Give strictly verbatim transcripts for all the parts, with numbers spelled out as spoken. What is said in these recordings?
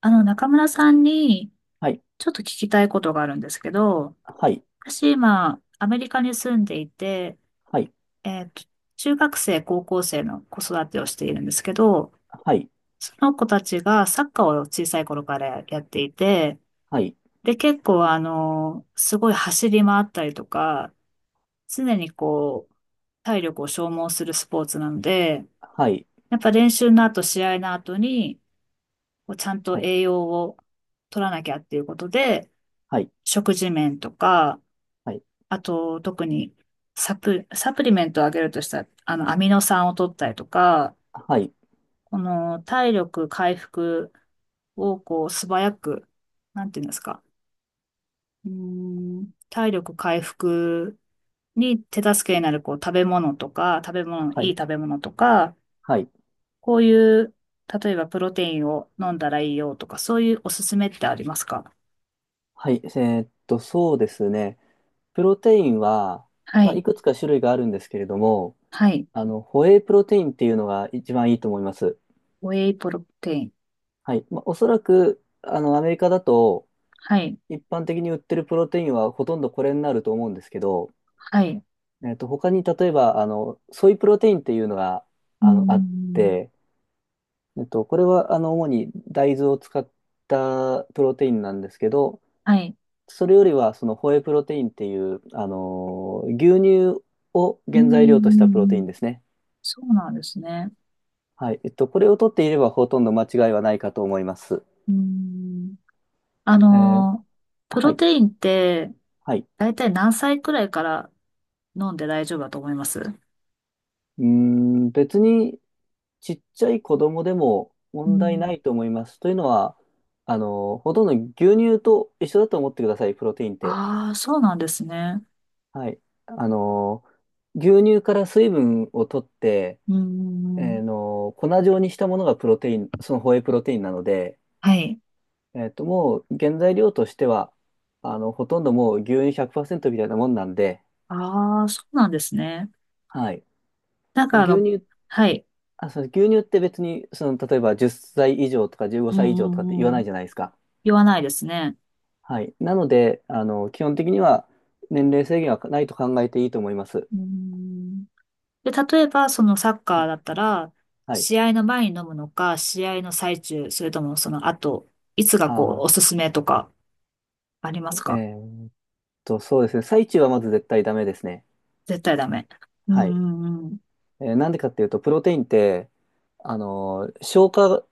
あの、中村さんに、はい、ちょっと聞きたいことがあるんですけど、はい、私今、アメリカに住んでいて、はい、えっと、中学生、高校生の子育てをしているんですけど、はい、その子たちがサッカーを小さい頃からやっていて、はい、で、結構あの、すごい走り回ったりとか、常にこう、体力を消耗するスポーツなので、はい、やっぱ練習の後、試合の後に、こうちゃんとはい、栄養を取らなきゃっていうことで、はい、食事面とか、はい、あと特にサプ、サプリメントをあげるとしたら、あの、アミノ酸を取ったりとか、はい、この体力回復をこう素早く、なんていうんですか、うーん、体力回復に手助けになるこう食べ物とか、食べ物、はいいい、食べ物とか、はい、こういう、例えばプロテインを飲んだらいいよとか、そういうおすすめってありますか？はいえーっと、そうですね。プロテインは、はまあ、いい。くつか種類があるんですけれども、はい。あの、ホエイプロテインっていうのが一番いいと思います。ウェイプロテイン。はい。まあ、おそらく、あの、アメリカだと、はい。一般的に売ってるプロテインはほとんどこれになると思うんですけど、はい。えーっと、他に例えば、あの、ソイプロテインっていうのが、うーあの、あっん。て、えっと、これはあの主に大豆を使ったプロテインなんですけど、はい。それよりはそのホエイプロテインっていう、あのー牛乳をうー原材料としたプロテインん。ですね。そうなんですね。はい。えっと、これを取っていればほとんど間違いはないかと思います。うーん。あえーの、プはロい。テインって、はい。だいたい何歳くらいから飲んで大丈夫だと思います？ううーん、別にちっちゃい子供でもー問題ん。ないと思います。というのは、あのーほとんど牛乳と一緒だと思ってください、プロテインって。ああ、そうなんですね。はい。あの、牛乳から水分を取って、うーえん。ーの、粉状にしたものがプロテイン、そのホエイプロテインなので、はい。えっと、もう原材料としては、あの、ほとんどもう牛乳ひゃくパーセントみたいなもんなんで、ああ、そうなんですね。はい。なんでかあの、牛乳、はい。あ、そう、牛乳って別に、その、例えばじゅっさい以上とか15うん歳以上とかって言わうんうないん。じゃないですか。言わないですね。はい。なので、あの、基本的には年齢制限はないと考えていいと思います。うーん。で、例えば、そのサッはカーい。だったら、はい。試合の前に飲むのか、試合の最中、それともその後、いつがこう、あおすすめとか、ありますー、か？えーと、そうですね。最中はまず絶対ダメですね。絶対ダメ。うんはい。うんうん。えーなんでかっていうと、プロテインって、あのー消化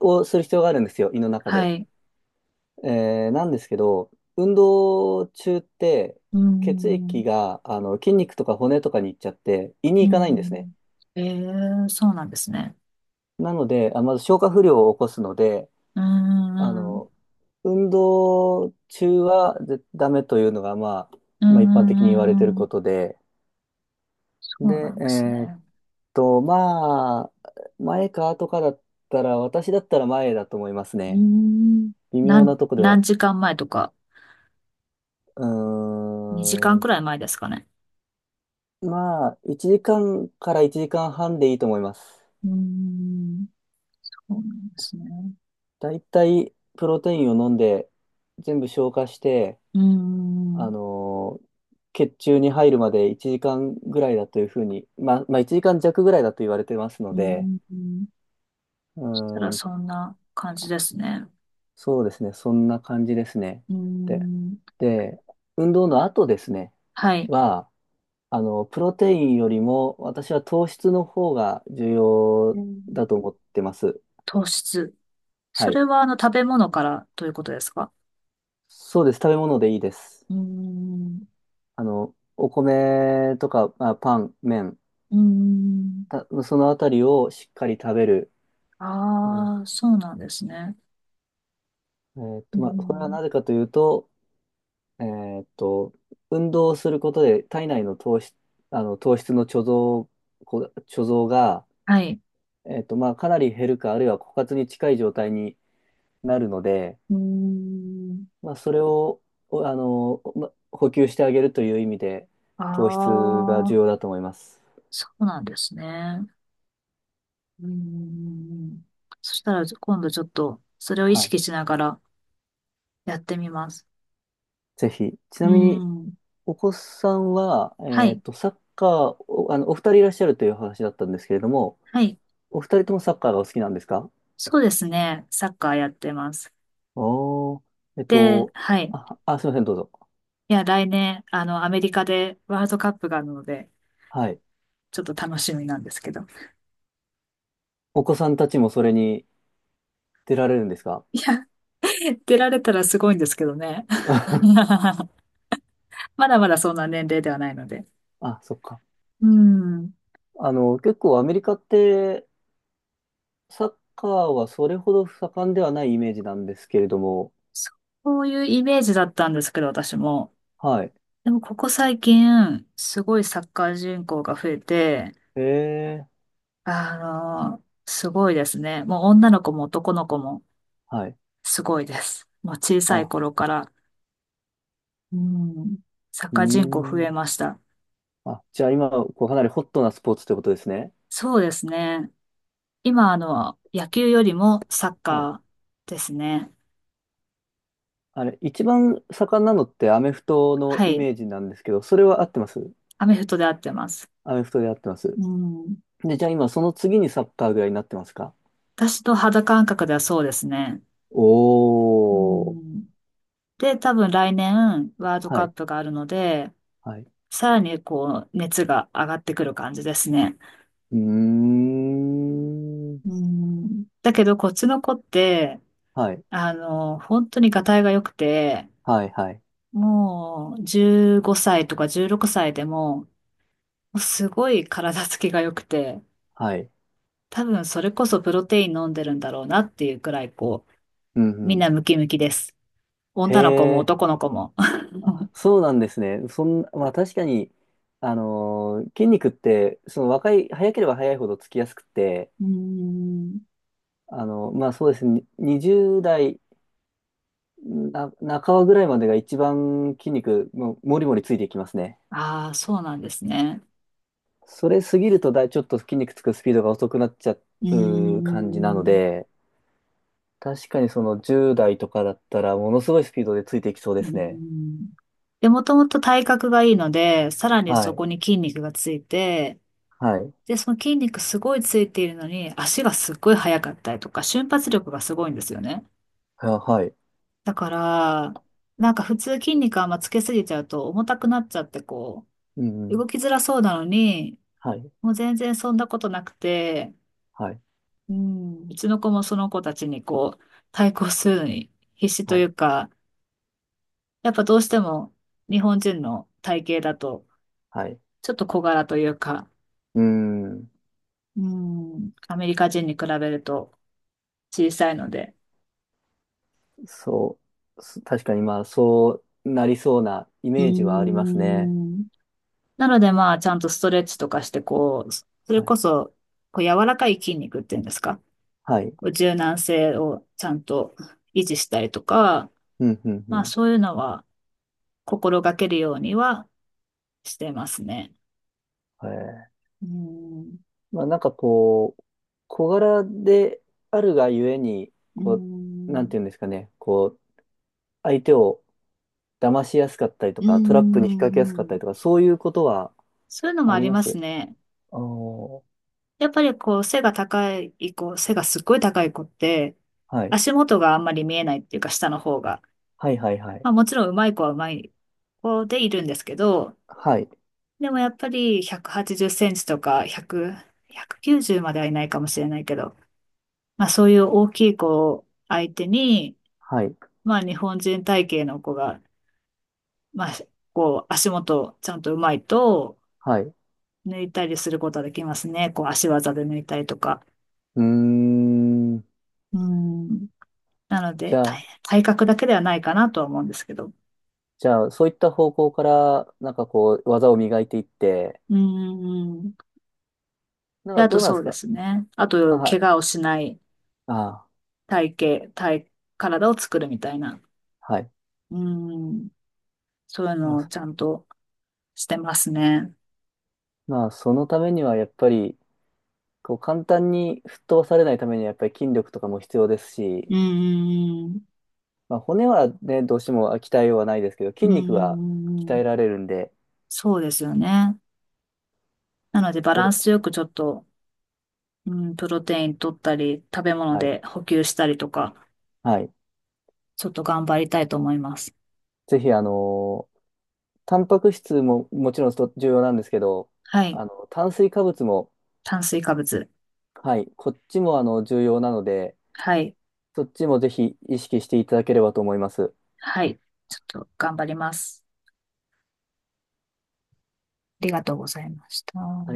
をする必要があるんですよ、胃の中はで。い。えーなんですけど、運動中って、うん血うん液が、あの、筋肉とか骨とかに行っちゃって、胃にう行かないんですん。ね。ん、ええ、そうなんですね。なので、あ、まず消化不良を起こすので、うんうあんうん。の、運動中はぜダメというのが、まあ、うんまあ、一般う的に言んわれていうるんうん。ことで、そうなで、んえですーね。と、まあ、前か後かだったら、私だったら前だと思いますうね。ん。微な妙ん、なとこでは。何時間前とか、う2時ー間ん。くらい前ですかね？まあ、いちじかんかんからいちじかんはんでいいと思います。うん。そうなんですね。だいたいプロテインを飲んで、全部消化して、うあん。のー血中に入るまでいちじかんぐらいだというふうに、まあ、まあいちじかん弱ぐらいだと言われてますのうで、ん。うそしたーらん、そんな感じですね。そうですね、そんな感じですね。うで、ん。で、運動の後ですね、はい。は、あの、プロテインよりも、私は糖質の方が重う要だとん。思ってます。糖質。そはい。れはあの食べ物からということですか？そうです。食べ物でいいです。うーん。あの、お米とか、まあ、パン、麺、うーん。たそのあたりをしっかり食べる。うんああ、そうなんですね。えーっうーと、まあ、これはん。なぜかというと、えーっと、運動をすることで体内の糖質、あの、糖質の貯蔵、こ貯蔵が、はい。えーっと、まあ、かなり減るか、あるいは枯渇に近い状態になるので、うーん。まあ、それを、おあの、ま、補給してあげるという意味で、糖あ質が重あ、要だと思います。そうなんですね。うーん。そしたら今度ちょっとそれを意はい。識しながらやってみます。ぜひ。ちうなーみに、ん。お子さんは、はえっい。と、サッカー、お、あの、お二人いらっしゃるという話だったんですけれども、はい。お二人ともサッカーがお好きなんですか？そうですね。サッカーやってます。おー、えっで、と、はい。あ、あ、すいません、どうぞ。いや、来年、あの、アメリカでワールドカップがあるので、はい。ちょっと楽しみなんですけど。お子さんたちもそれに出られるんですか？ いや、出られたらすごいんですけどね。まだまだそんな年齢ではないので。あ、そっか。うん。あの、結構アメリカって、サッカーはそれほど盛んではないイメージなんですけれども、そういうイメージだったんですけど、私も。はい。でも、ここ最近、すごいサッカー人口が増えて、ええ、あの、すごいですね。もう女の子も男の子もはい。すごいです。もう小さいあ、頃から。うん。サッうーカー人口増えん。ました。あ、じゃあ今、こうかなりホットなスポーツってことですね。そうですね。今、あの、野球よりもサッはい。カーですね。あれ、一番盛んなのってアメフトのはイい。メージなんですけど、それは合ってます？アメフトで合ってます。アメフトで合ってます。うん。で、じゃあ今、その次にサッカーぐらいになってますか？私と肌感覚ではそうですね。うおー。ん。で、多分来年、ワールドはカッい。プがあるので、はい。さらにこう、熱が上がってくる感じですね。うーん。うん。だけど、こっちの子って、はい。あの、本当にがたいが良くて、はい、はい。もうじゅうごさいとかじゅうろくさいでも、すごい体つきが良くて、はい。多分それこそプロテイン飲んでるんだろうなっていうくらい、こう、うん、みうんん。なムキムキです。へ女の子もえ。男の子も。あ、そうなんですね。そん、まあ確かに、あのー筋肉って、その若い、早ければ早いほどつきやすくて、うーん。あのまあそうですね、ににじゅう代な半ばぐらいまでが一番筋肉、もうもりもりついていきますね。ああ、そうなんですね。それ過ぎるとだい、ちょっと筋肉つくスピードが遅くなっちゃうーう感じなのん。で、確かにそのじゅう代とかだったら、ものすごいスピードでついていきそうでうーすね。ん。で、もともと体格がいいので、さらにはそこい。に筋肉がついて、はい。で、その筋肉すごいついているのに、足がすっごい速かったりとか、瞬発力がすごいんですよね。ははい。だから、なんか普通筋肉あんまつけすぎちゃうと重たくなっちゃってこうんうう、ん。動きづらそうなのに、はい。もう全然そんなことなくて、はい。うん、うちの子もその子たちにこう、対抗するのに必死とはいい。うか、やっぱどうしても日本人の体型だと、はい。ちょっと小柄というか、うーん。うん、アメリカ人に比べると小さいので、そう、す確かにまあ、そうなりそうなイうメージはありますね。ん、なのでまあ、ちゃんとストレッチとかして、こう、それはい。こそ、こう柔らかい筋肉っていうんですか、はい。こう柔軟性をちゃんと維持したりとか、うん、うん、うまあん。そういうのは、心がけるようにはしてますね。えー、うん、まあ、なんかこう、小柄であるがゆえに、うこう、なんん、ていうんですかね、こう、相手を騙しやすかったりとか、トラップにう引っ掛けやすかっん、たりとか、そういうことはそういうのもあありりまますす。ね。ああやっぱりこう背が高い子、背がすっごい高い子って、はい。足元があんまり見えないっていうか下の方が。はい、はい、はい。まあもちろん上手い子は上手い子でいるんですけど、はい。でもやっぱりひゃくはちじゅっセンチとかひゃく、ひゃくきゅうじゅうまではいないかもしれないけど、まあそういう大きい子を相手に、はい。まあ日本人体型の子がまあ、こう、足元ちゃんとうまいと、はい。う抜いたりすることはできますね。こう、足技で抜いたりとか。ーん。うん。なので、じゃあ、体、体格だけではないかなとは思うんですけど。じゃあ、そういった方向から、なんかこう、技を磨いていって、うん。なんで、かあとどうなんでそすうでか？すね。ああ、と、は怪い。我をしないあ、体型、体、体を作るみたいな。はい。うん。そういうまのをあ、ちゃんとしてますね。まあそのためにはやっぱり、こう、簡単に吹っ飛ばされないためにはやっぱり筋力とかも必要ですし、うん。まあ、骨はね、どうしても鍛えようはないですけど、う筋肉は鍛えん。られるんで、そうですよね。なので、バそランれ、スよくちょっと、うん、プロテイン取ったり、食べ物はい。で補給したりとか、はい。ちょっと頑張りたいと思います。ぜひ、あのータンパク質ももちろんと重要なんですけど、はい。あの、炭水化物も、炭水化物。はい、こっちもあの、重要なので、はい。そっちもぜひ意識していただければと思います。はい。ちょっと頑張ります。ありがとうございました。あ